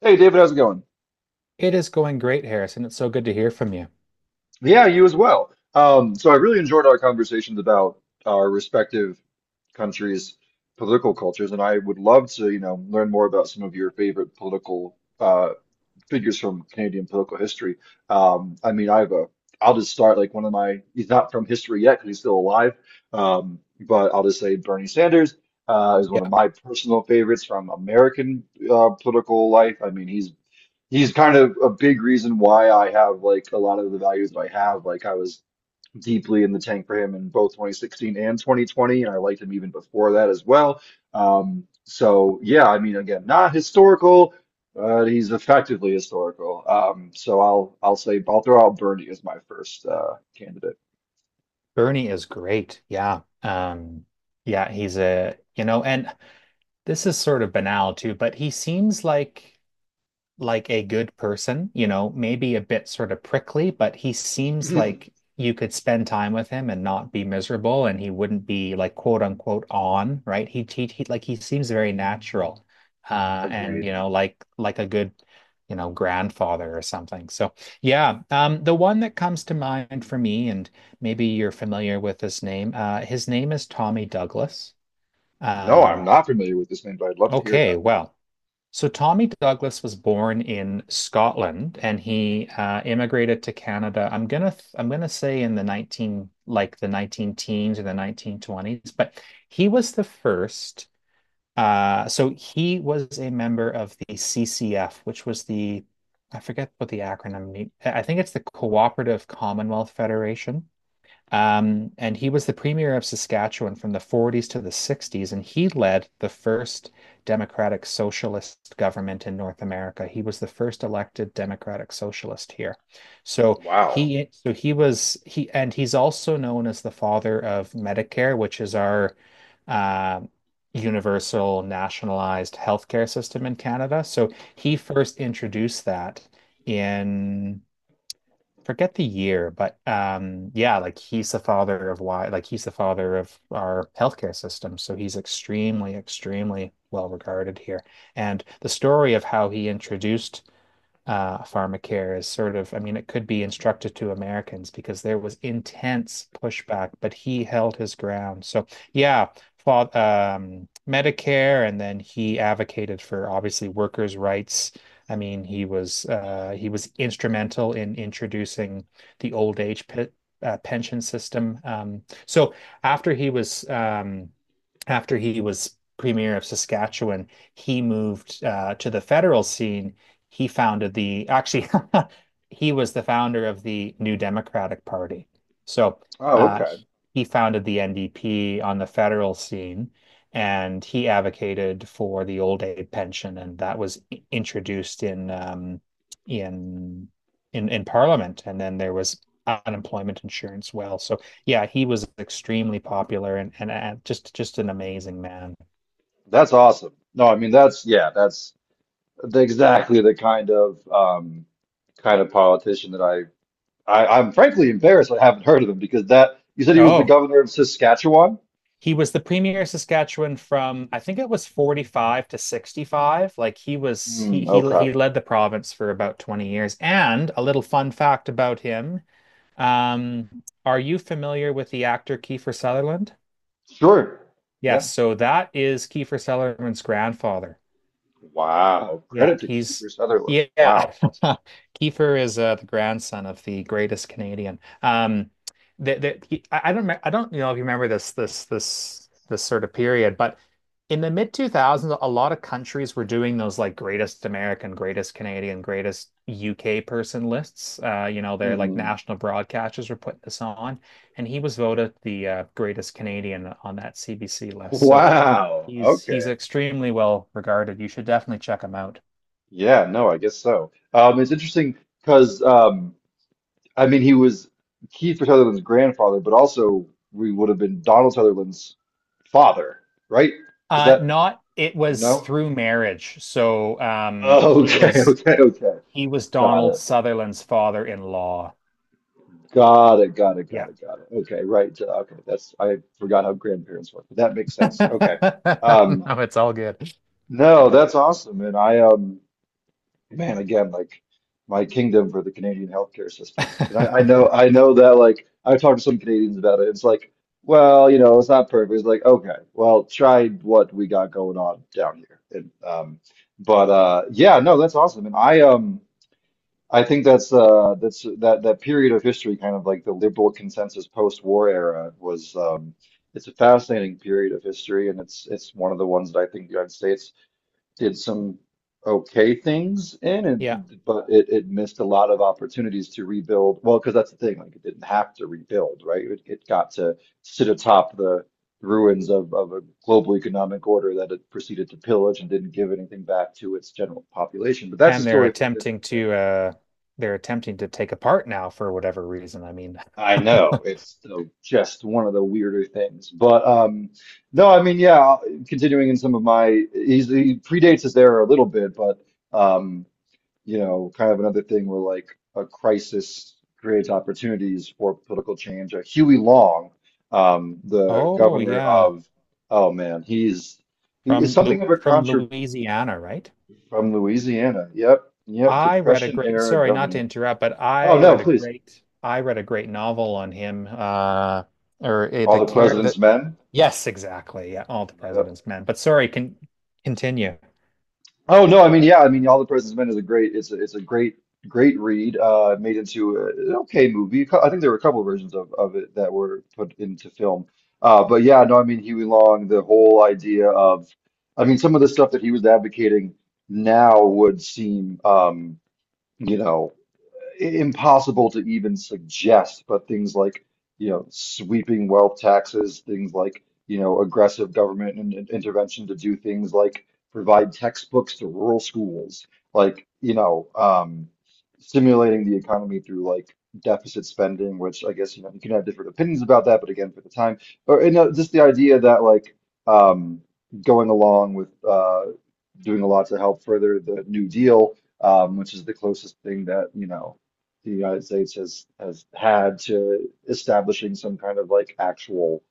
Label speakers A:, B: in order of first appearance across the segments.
A: Hey David, how's it going?
B: It is going great, Harrison. It's so good to hear from you.
A: Yeah, you as well. So I really enjoyed our conversations about our respective countries' political cultures, and I would love to, you know, learn more about some of your favorite political figures from Canadian political history. I mean, I'll just start like one of my, he's not from history yet because he's still alive, but I'll just say Bernie Sanders is one of
B: Yeah,
A: my personal favorites from American political life. I mean, he's kind of a big reason why I have like a lot of the values that I have. Like I was deeply in the tank for him in both 2016 and 2020, and I liked him even before that as well. So yeah, I mean, again, not historical, but he's effectively historical. So I'll throw out Bernie as my first candidate.
B: Bernie is great. Yeah. Yeah, he's a, you know, and this is sort of banal too, but he seems like a good person, you know, maybe a bit sort of prickly, but he seems like you could spend time with him and not be miserable and he wouldn't be like quote unquote on, right? He seems very natural. And you
A: Agreed.
B: know, like a good, you know, grandfather or something. So, yeah, the one that comes to mind for me and maybe you're familiar with his name is Tommy Douglas.
A: No, I'm
B: Um
A: not familiar with this name, but I'd love to hear
B: okay,
A: about it.
B: well, so Tommy Douglas was born in Scotland and he immigrated to Canada. I'm gonna say in the 19 like the 19 teens or the 1920s, but he was the first. So he was a member of the CCF, which was the I forget what the acronym mean. I think it's the Cooperative Commonwealth Federation. And he was the premier of Saskatchewan from the 40s to the 60s, and he led the first democratic socialist government in North America. He was the first elected democratic socialist here.
A: Wow.
B: So he was he and he's also known as the father of Medicare, which is our uh, universal nationalized healthcare system in Canada. So he first introduced that in forget the year, but yeah, he's the father of our healthcare system. So he's extremely, extremely well regarded here. And the story of how he introduced pharmacare is sort of, I mean, it could be instructive to Americans because there was intense pushback, but he held his ground. So, yeah, fought, Medicare, and then he advocated for obviously workers' rights. I mean, he was instrumental in introducing the old age pe pension system. So after he was um, after he was premier of Saskatchewan, he moved to the federal scene he founded the actually he was the founder of the New Democratic Party. So
A: Oh, okay.
B: he founded the NDP on the federal scene, and he advocated for the old age pension, and that was introduced in in Parliament, and then there was unemployment insurance. Well, so yeah, he was extremely popular and just an amazing man.
A: That's awesome. No, I mean that's yeah, exactly the kind of politician that I I'm frankly embarrassed I haven't heard of him because that you said he was the
B: Oh,
A: governor of Saskatchewan?
B: he was the premier Saskatchewan from I think it was 45 to 65. Like he was
A: Hmm, okay.
B: he led the province for about 20 years. And a little fun fact about him. Are you familiar with the actor Kiefer Sutherland?
A: Sure.
B: Yes,
A: Yeah.
B: so that is Kiefer Sutherland's grandfather.
A: Wow.
B: Yeah,
A: Credit to
B: he's
A: Kiefer
B: yeah.
A: Sutherland. Wow.
B: Kiefer is the grandson of the greatest Canadian. That that he, I don't me- I don't you know if you remember this sort of period, but in the mid 2000s, a lot of countries were doing those like greatest American, greatest Canadian, greatest UK person lists. You know, they're like
A: Hmm.
B: national broadcasters were putting this on, and he was voted the greatest Canadian on that CBC list. So
A: Wow.
B: he's
A: Okay.
B: extremely well regarded. You should definitely check him out.
A: Yeah, no, I guess so. It's interesting because I mean he was Kiefer Sutherland's grandfather, but also we would have been Donald Sutherland's father, right? Is that
B: Not it was
A: no?
B: through marriage. So
A: Oh, okay, okay, okay.
B: he was
A: Got
B: Donald
A: it.
B: Sutherland's father-in-law.
A: Got it. Got it.
B: Yeah.
A: Got it. Got it. Okay, right. Okay, that's I forgot how grandparents work, but that makes sense. Okay.
B: No,
A: Um,
B: it's all good.
A: no,
B: Yeah.
A: that's awesome. And I, man, again, like my kingdom for the Canadian healthcare system. And I know I know that like I've talked to some Canadians about it. It's like, well, you know, it's not perfect. It's like, okay, well, try what we got going on down here. And, but yeah, no, that's awesome. And I I think that that period of history, kind of like the liberal consensus post-war era, was it's a fascinating period of history, and it's one of the ones that I think the United States did some okay things in,
B: Yeah.
A: and but it missed a lot of opportunities to rebuild. Well, because that's the thing, like it didn't have to rebuild, right? It got to sit atop the ruins of a global economic order that it proceeded to pillage and didn't give anything back to its general population. But that's a
B: And
A: story for a different day.
B: they're attempting to take apart now for whatever reason. I mean,
A: I know it's the, just one of the weirder things, but no, I mean, yeah. Continuing in some of my, he predates his era a little bit, but um, you know, kind of another thing where like a crisis creates opportunities for political change. Huey Long, the
B: oh
A: governor
B: yeah.
A: of, oh man, he is
B: From
A: something
B: Lu
A: of a
B: from
A: contra
B: Louisiana, right?
A: from Louisiana. Yep, yep,
B: I read a
A: Depression
B: great,
A: era
B: sorry, not to
A: governor.
B: interrupt, but
A: Oh no, please,
B: I read a great novel on him. Or
A: all
B: the
A: the
B: care that,
A: president's men.
B: yes, exactly. Yeah, All the
A: Yep.
B: President's Men. But sorry, can continue.
A: Oh no, I mean yeah, I mean All the President's Men is a great it's a great great read made into a, an okay movie. I think there were a couple of versions of it that were put into film. But yeah, no, I mean Huey Long, the whole idea of I mean some of the stuff that he was advocating now would seem you know impossible to even suggest, but things like, you know, sweeping wealth taxes, things like, you know, aggressive government and intervention to do things like provide textbooks to rural schools, like, you know, stimulating the economy through like deficit spending, which I guess, you know, you can have different opinions about that, but again, for the time, or, you know, just the idea that like, um, going along with, doing a lot to help further the New Deal, which is the closest thing that you know the United States has had to establishing some kind of like actual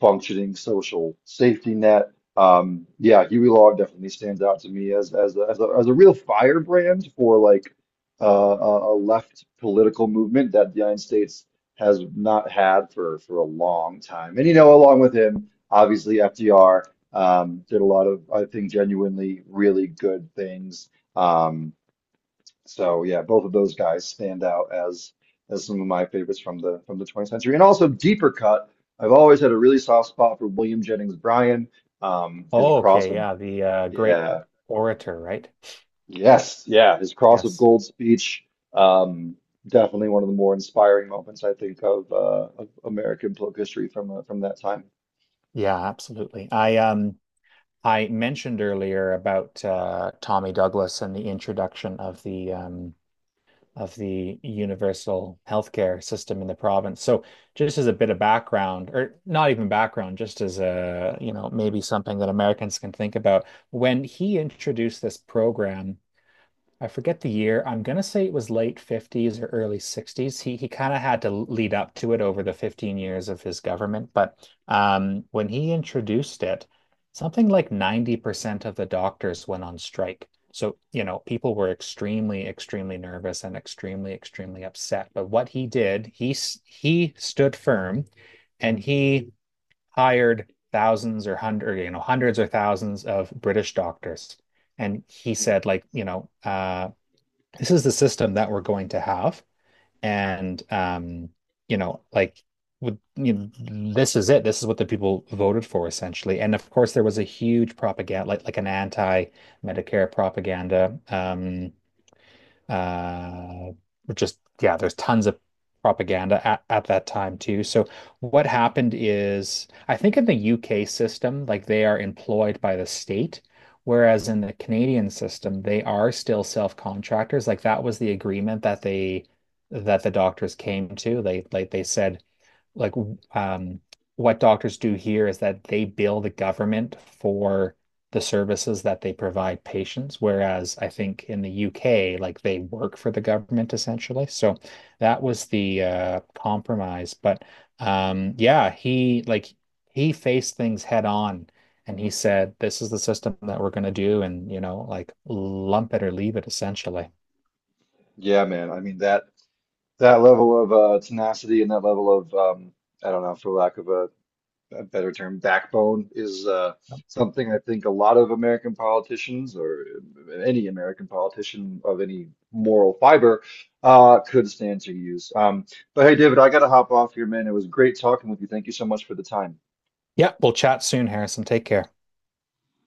A: functioning social safety net. Yeah, Huey Long definitely stands out to me as as a real firebrand for like uh, a left political movement that the United States has not had for a long time. And you know, along with him, obviously FDR did a lot of I think genuinely really good things. Um, so yeah, both of those guys stand out as some of my favorites from the 20th century. And also deeper cut, I've always had a really soft spot for William Jennings Bryan. Um, his
B: Oh,
A: cross
B: okay,
A: of
B: yeah, the great
A: yeah,
B: orator, right?
A: yes, yeah, his cross of
B: Yes.
A: gold speech. Um, Definitely one of the more inspiring moments I think of American political history from that time.
B: Yeah, absolutely. I mentioned earlier about Tommy Douglas and the introduction of the of the universal healthcare system in the province. So just as a bit of background, or not even background, just as a, you know, maybe something that Americans can think about, when he introduced this program I forget the year. I'm gonna say it was late 50s or early 60s. He kind of had to lead up to it over the 15 years of his government, but when he introduced it, something like 90% of the doctors went on strike. So, you know, people were extremely, extremely nervous and extremely, extremely upset. But what he did, he stood firm and he hired thousands or hundred, you know, hundreds or thousands of British doctors. And he
A: Hmm.
B: said, like, you know, this is the system that we're going to have. And you know, like with, you know, this is it. This is what the people voted for essentially. And of course, there was a huge propaganda, like an anti-Medicare propaganda uh, just yeah, there's tons of propaganda at that time too. So what happened is I think in the UK system, like they are employed by the state, whereas in the Canadian system, they are still self-contractors. Like that was the agreement that the doctors came to. They like they said like um, what doctors do here is that they bill the government for the services that they provide patients, whereas I think in the UK, like they work for the government essentially. So that was the compromise. But yeah, he faced things head on. And he said, "This is the system that we're going to do, and you know, like lump it or leave it, essentially."
A: Yeah, man. I mean that that level of tenacity and that level of I don't know, for lack of a better term, backbone is something I think a lot of American politicians or any American politician of any moral fiber could stand to use. But hey, David, I got to hop off here, man. It was great talking with you. Thank you so much for the time.
B: Yeah, we'll chat soon, Harrison. Take care.